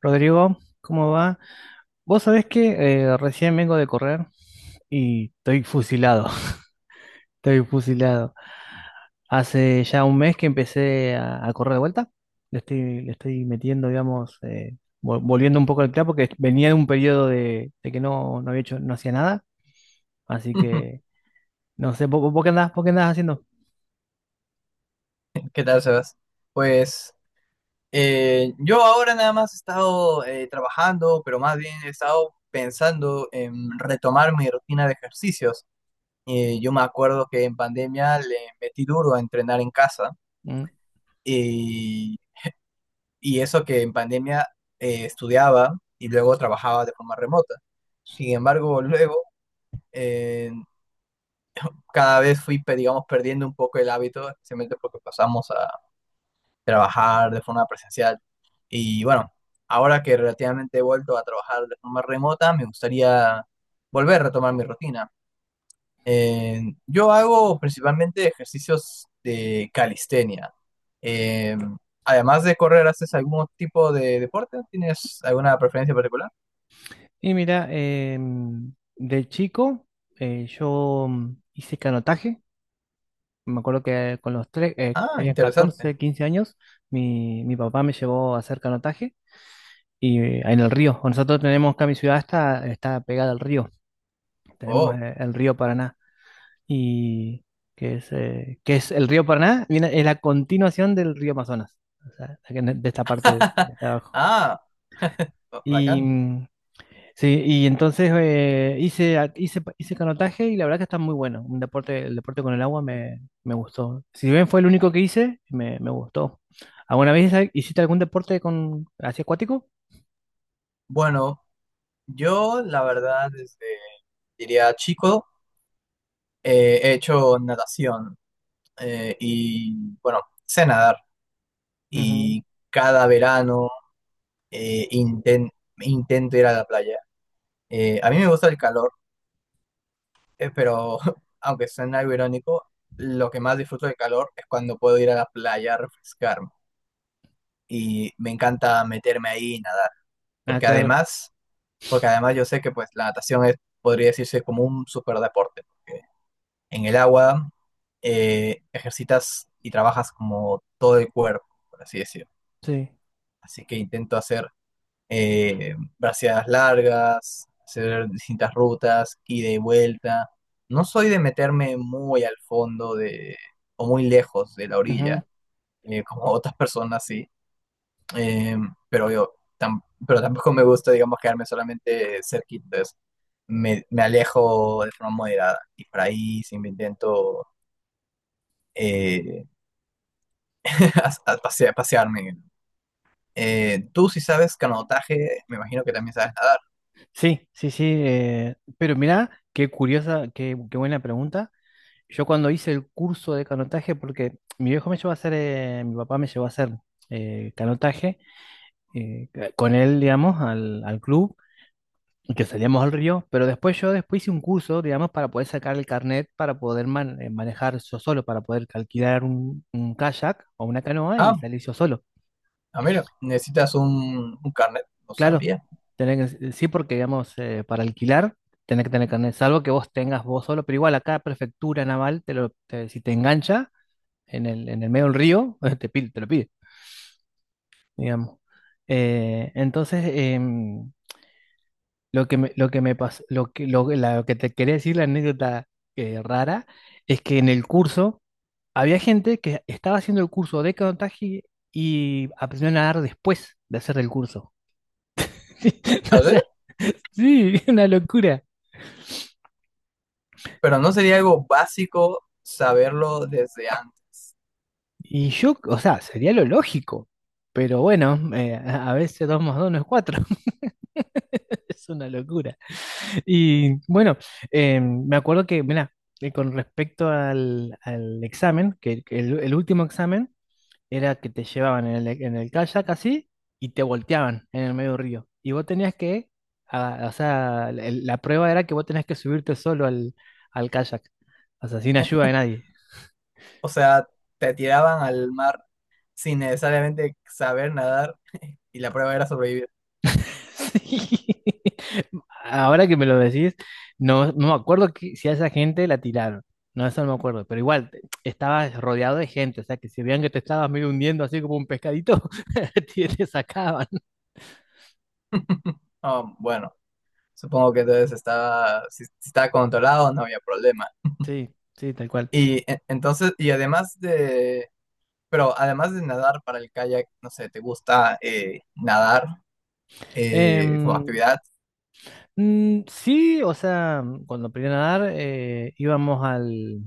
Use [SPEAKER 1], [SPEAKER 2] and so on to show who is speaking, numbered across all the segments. [SPEAKER 1] Rodrigo, ¿cómo va? Vos sabés que recién vengo de correr y estoy fusilado, estoy fusilado. Hace ya un mes que empecé a correr de vuelta, le estoy metiendo, digamos, volviendo un poco al clavo porque venía de un periodo de que no había hecho, no hacía nada, así que no sé, ¿¿vos, qué andás, vos qué andás haciendo?
[SPEAKER 2] ¿Qué tal, Sebas? Pues yo ahora nada más he estado trabajando, pero más bien he estado pensando en retomar mi rutina de ejercicios. Yo me acuerdo que en pandemia le metí duro a entrenar en casa
[SPEAKER 1] Mm.
[SPEAKER 2] y, y eso que en pandemia estudiaba y luego trabajaba de forma remota. Sin embargo, luego eh, cada vez digamos, perdiendo un poco el hábito, especialmente porque pasamos trabajar de forma presencial. Y bueno, ahora que relativamente he vuelto a trabajar de forma remota, me gustaría volver a retomar mi rutina. Eh, yo hago principalmente ejercicios de calistenia. Eh, Además de correr, ¿haces algún tipo de deporte? ¿Tienes alguna preferencia particular?
[SPEAKER 1] Y mira, de chico yo hice canotaje. Me acuerdo que con los tres,
[SPEAKER 2] Ah,
[SPEAKER 1] tenía
[SPEAKER 2] interesante.
[SPEAKER 1] 14, 15 años, mi papá me llevó a hacer canotaje y en el río. Nosotros tenemos acá, mi ciudad está pegada al río. Tenemos
[SPEAKER 2] Oh,
[SPEAKER 1] el río Paraná. Y que es el río Paraná, viene, es la continuación del río Amazonas, o sea, de esta parte de abajo.
[SPEAKER 2] ah, oh,
[SPEAKER 1] Y
[SPEAKER 2] bacán.
[SPEAKER 1] sí, y entonces hice canotaje y la verdad que está muy bueno. Un deporte, el deporte con el agua me gustó. Si bien fue el único que hice, me gustó. ¿Alguna vez hiciste algún deporte con así acuático?
[SPEAKER 2] Bueno, yo la verdad diría chico, he hecho natación. Y bueno, sé nadar
[SPEAKER 1] Ujú.
[SPEAKER 2] y cada verano eh, inten- intento ir a la playa. A mí me gusta el calor, pero aunque suene algo irónico, lo que más disfruto del calor es cuando puedo ir a la playa a refrescarme y me encanta meterme ahí y nadar,
[SPEAKER 1] Ah,
[SPEAKER 2] porque
[SPEAKER 1] claro,
[SPEAKER 2] porque además yo sé que pues la natación es, podría decirse como un superdeporte, porque en el agua ejercitas y trabajas como todo el cuerpo, por así decirlo.
[SPEAKER 1] sí.
[SPEAKER 2] Así que intento hacer braseadas largas, hacer distintas rutas, ida y vuelta. No soy de meterme muy al fondo de, o muy lejos de la
[SPEAKER 1] Ujú.
[SPEAKER 2] orilla, como otras personas sí. Eh, pero yo tam- pero tampoco me gusta, digamos, quedarme solamente cerquita, entonces me alejo de forma moderada y por ahí sí me intento eh, pasearme. Tú si sabes canotaje, me imagino que también sabes nadar.
[SPEAKER 1] Sí, sí, sí. Pero mirá, qué curiosa, qué buena pregunta. Yo cuando hice el curso de canotaje, porque mi viejo me llevó a hacer, mi papá me llevó a hacer canotaje, eh, con él, digamos, al club. Y que salíamos al río, pero después yo después hice un curso, digamos, para poder sacar el carnet, para poder manejar yo solo, para poder alquilar un kayak o una canoa y
[SPEAKER 2] Ah.
[SPEAKER 1] salir yo solo.
[SPEAKER 2] Ah, mira, necesitas un carnet, no
[SPEAKER 1] Claro,
[SPEAKER 2] sabía.
[SPEAKER 1] sí, porque, digamos, para alquilar tenés que tener carnet, salvo que vos tengas vos solo, pero igual acá prefectura naval, si te engancha en el medio del río, te lo pide, digamos. Entonces, lo que me pasó, lo que te quería decir, la anécdota rara, es que en el curso había gente que estaba haciendo el curso de canotaje y aprendió a nadar después de hacer el curso. O
[SPEAKER 2] A
[SPEAKER 1] sea,
[SPEAKER 2] ver,
[SPEAKER 1] sí, una locura.
[SPEAKER 2] pero no sería algo básico saberlo desde antes.
[SPEAKER 1] Y yo, o sea, sería lo lógico, pero bueno, a veces dos más dos no es cuatro. Es una locura. Y bueno, me acuerdo que, mira, con respecto al examen, que el último examen, era que te llevaban en el kayak así y te volteaban en el medio del río. Y vos tenías que, ah, o sea, la prueba era que vos tenías que subirte solo al kayak, o sea, sin ayuda de nadie.
[SPEAKER 2] O sea, te tiraban al mar sin necesariamente saber nadar y la prueba era sobrevivir.
[SPEAKER 1] Sí. Ahora que me lo decís, no me acuerdo si a esa gente la tiraron. No, eso no me acuerdo, pero igual estabas rodeado de gente, o sea que si veían que te estabas medio hundiendo así como un pescadito, te sacaban.
[SPEAKER 2] Ah, bueno, supongo que entonces estaba, si estaba controlado no había problema.
[SPEAKER 1] Sí, sí, tal cual.
[SPEAKER 2] Entonces, pero además de nadar para el kayak, no sé, ¿te gusta nadar como
[SPEAKER 1] Em,
[SPEAKER 2] actividad?
[SPEAKER 1] Sí, o sea, cuando aprendí a nadar, íbamos al...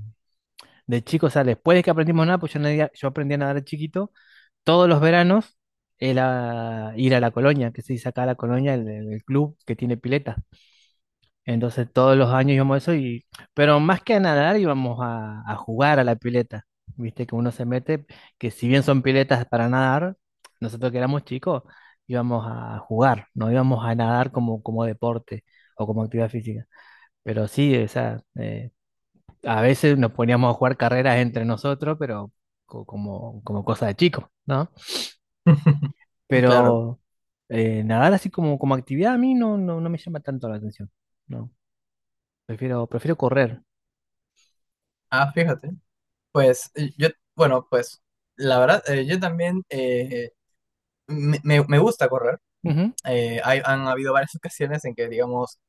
[SPEAKER 1] De chicos, o sea, después de que aprendimos a nadar, pues yo, yo aprendí a nadar de chiquito, todos los veranos era ir a la colonia, que se dice acá la colonia, el club que tiene pileta. Entonces todos los años íbamos a eso, y, pero más que a nadar íbamos a jugar a la pileta. Viste que uno se mete, que si bien son piletas para nadar, nosotros que éramos chicos íbamos a jugar, no íbamos a nadar como, deporte o como actividad física. Pero sí, o sea, a veces nos poníamos a jugar carreras entre nosotros, pero como cosa de chico, ¿no?
[SPEAKER 2] Claro.
[SPEAKER 1] Pero nadar así como, como actividad a mí no, no me llama tanto la atención, ¿no? Prefiero, prefiero correr.
[SPEAKER 2] Ah, fíjate. Pues bueno, pues la verdad, yo también me, me- me gusta correr.
[SPEAKER 1] Ujú,
[SPEAKER 2] Han habido varias ocasiones en que, digamos,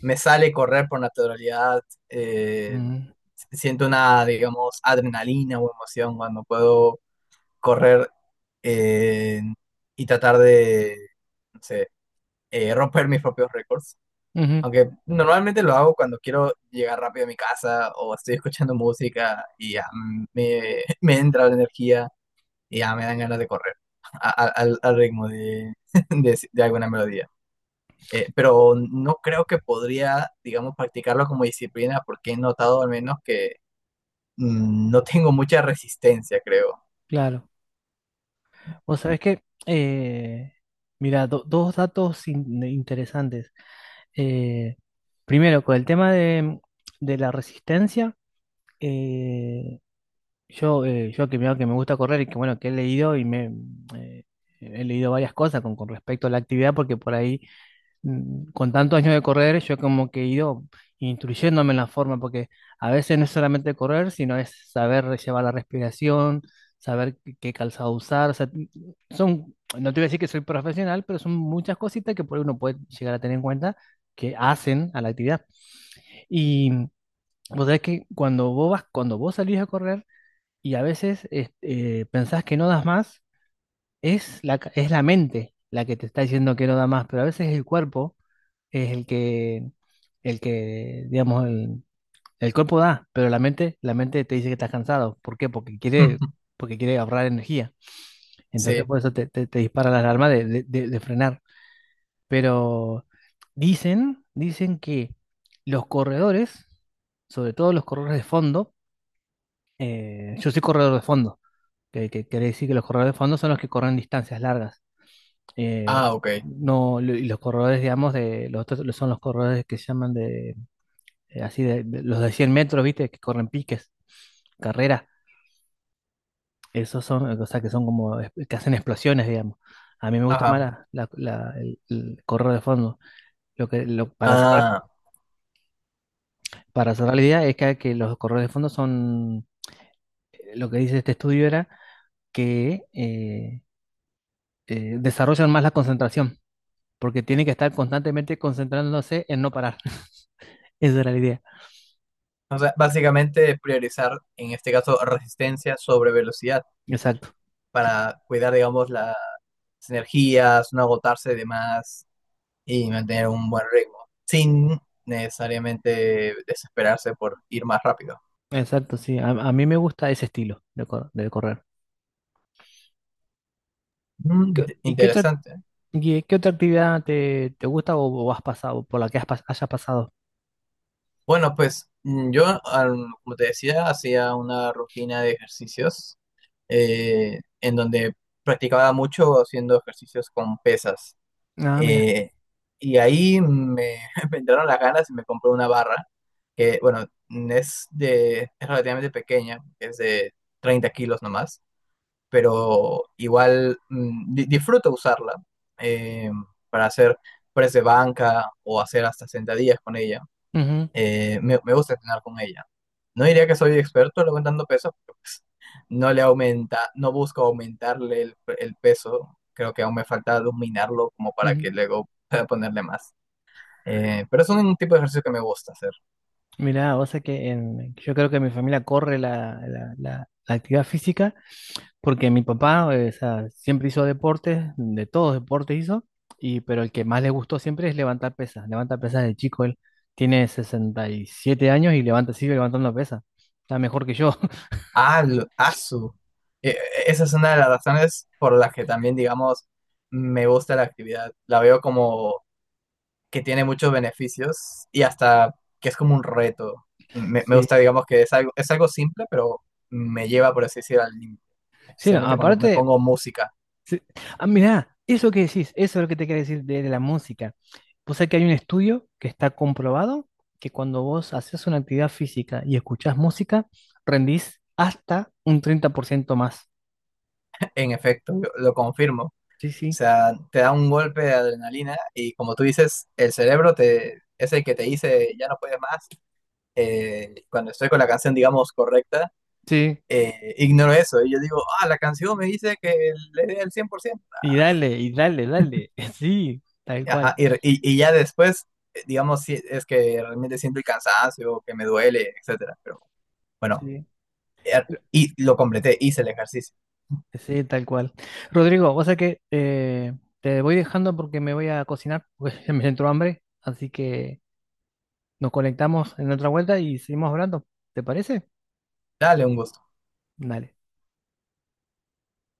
[SPEAKER 2] me sale correr por naturalidad. eh,
[SPEAKER 1] ujú,
[SPEAKER 2] Siento una, digamos, adrenalina o emoción cuando puedo correr eh, y tratar de, no sé, romper mis propios récords.
[SPEAKER 1] ujú,
[SPEAKER 2] Aunque normalmente lo hago cuando quiero llegar rápido a mi casa o estoy escuchando música y ya, me entra la energía y ya me dan ganas de correr al ritmo de, de alguna melodía. Pero no creo que podría, digamos, practicarlo como disciplina porque he notado al menos que no tengo mucha resistencia, creo.
[SPEAKER 1] claro. Vos sabés que, mira, dos datos interesantes. Eh, Primero, con el tema de la resistencia. eh, yo que, me gusta correr y que bueno, que he leído y me eh, he leído varias cosas con respecto a la actividad, porque por ahí, con tantos años de correr, yo como que he ido instruyéndome en la forma, porque a veces no es solamente correr, sino es saber llevar la respiración, saber qué, qué calzado usar. O sea, son, no te voy a decir que soy profesional, pero son muchas cositas que por ahí uno puede llegar a tener en cuenta que hacen a la actividad. Y vos sabés que cuando vos vas, cuando vos salís a correr, y a veces pensás que no das más, es la, es la mente la que te está diciendo que no da más, pero a veces el cuerpo es el que, digamos, el cuerpo da, pero la mente te dice que estás cansado. ¿Por qué? Porque quiere ahorrar energía. Entonces
[SPEAKER 2] Sí.
[SPEAKER 1] por eso te, te dispara la alarma de, de frenar. Pero dicen, dicen que los corredores, sobre todo los corredores de fondo, yo soy corredor de fondo que quiere decir que los corredores de fondo son los que corren distancias largas. Eh,
[SPEAKER 2] Ah, ok.
[SPEAKER 1] no, lo- Y los corredores, digamos, de, los otros son los corredores que se llaman de, así, de, los de 100 metros, ¿viste? Que corren piques, carreras. Esos son, o sea, que son como, que hacen explosiones, digamos. A mí me gusta más
[SPEAKER 2] Ajá.
[SPEAKER 1] la, el corredor de fondo. Lo que, lo, para cerrar,
[SPEAKER 2] Ah,
[SPEAKER 1] para cerrar la idea es que los corredores de fondo son, lo que dice este estudio era que desarrollan más la concentración porque tiene que estar constantemente concentrándose en no parar. Esa era la idea.
[SPEAKER 2] o sea, básicamente priorizar, en este caso, resistencia sobre velocidad
[SPEAKER 1] Exacto, sí,
[SPEAKER 2] para cuidar, digamos, las energías, no agotarse de más. Y mantener un buen ritmo, sin necesariamente desesperarse por ir más rápido.
[SPEAKER 1] exacto, sí. A mí me gusta ese estilo de, de correr. ¿Qué- ¿Y qué otra,
[SPEAKER 2] Interesante.
[SPEAKER 1] y qué otra actividad te, te gusta o has pasado, por la que hayas pasado?
[SPEAKER 2] Bueno, pues como te decía, hacía una rutina de ejercicios en donde practicaba mucho haciendo ejercicios con pesas.
[SPEAKER 1] Ah, mira.
[SPEAKER 2] Eh, y ahí me entraron las ganas y me compré una barra que, bueno, es relativamente pequeña, es de 30 kilos nomás, pero igual disfruto usarla eh, para hacer press de banca o hacer hasta sentadillas con ella.
[SPEAKER 1] Ujú,
[SPEAKER 2] Me gusta entrenar con ella. No diría que soy experto levantando peso, pero pues, no busco aumentarle el peso. Creo que aún me falta dominarlo como para
[SPEAKER 1] ujú.
[SPEAKER 2] que luego pueda ponerle más. Pero es un tipo de ejercicio que me gusta hacer.
[SPEAKER 1] Mira, o sea que yo creo que mi familia corre la, la actividad física. Porque mi papá, o sea, siempre hizo deportes, de todos deportes hizo, y, pero el que más le gustó siempre es levantar pesas. Levanta pesas de chico, él tiene 67 años y levanta, sigue levantando pesas. Está mejor que yo.
[SPEAKER 2] Ah, lo- asu. E- e, Esa es una de las razones por las que también, digamos, me gusta la actividad. La veo como que tiene muchos beneficios y hasta que es como un reto. Me
[SPEAKER 1] Sí,
[SPEAKER 2] gusta, digamos, que es algo simple, pero me lleva, por así decir, al límite.
[SPEAKER 1] sí, no,
[SPEAKER 2] Especialmente cuando me
[SPEAKER 1] aparte,
[SPEAKER 2] pongo música.
[SPEAKER 1] sí. Ah, mirá, eso que decís, eso es lo que te quería decir de la música. Pues es que hay un estudio que está comprobado que cuando vos haces una actividad física y escuchás música, rendís hasta un 30% más.
[SPEAKER 2] En efecto, yo lo confirmo. O
[SPEAKER 1] Sí, sí.
[SPEAKER 2] sea, te da un golpe de adrenalina y como tú dices, es el que te dice, ya no puedes más. Cuando estoy con la canción, digamos, correcta
[SPEAKER 1] Sí,
[SPEAKER 2] ignoro eso. Y yo digo, ah, la canción me dice que le dé el 100%.
[SPEAKER 1] y dale, y dale, dale. Sí, tal cual.
[SPEAKER 2] Y ya después, digamos, si es que realmente siento el cansancio, que me duele, etcétera. Pero bueno,
[SPEAKER 1] Sí,
[SPEAKER 2] y lo completé, hice el ejercicio.
[SPEAKER 1] sí, tal cual. Rodrigo, o sea que te voy dejando porque me voy a cocinar, porque me entró hambre. Así que nos conectamos en otra vuelta y seguimos hablando. ¿Te parece?
[SPEAKER 2] Dale un gusto.
[SPEAKER 1] Dale.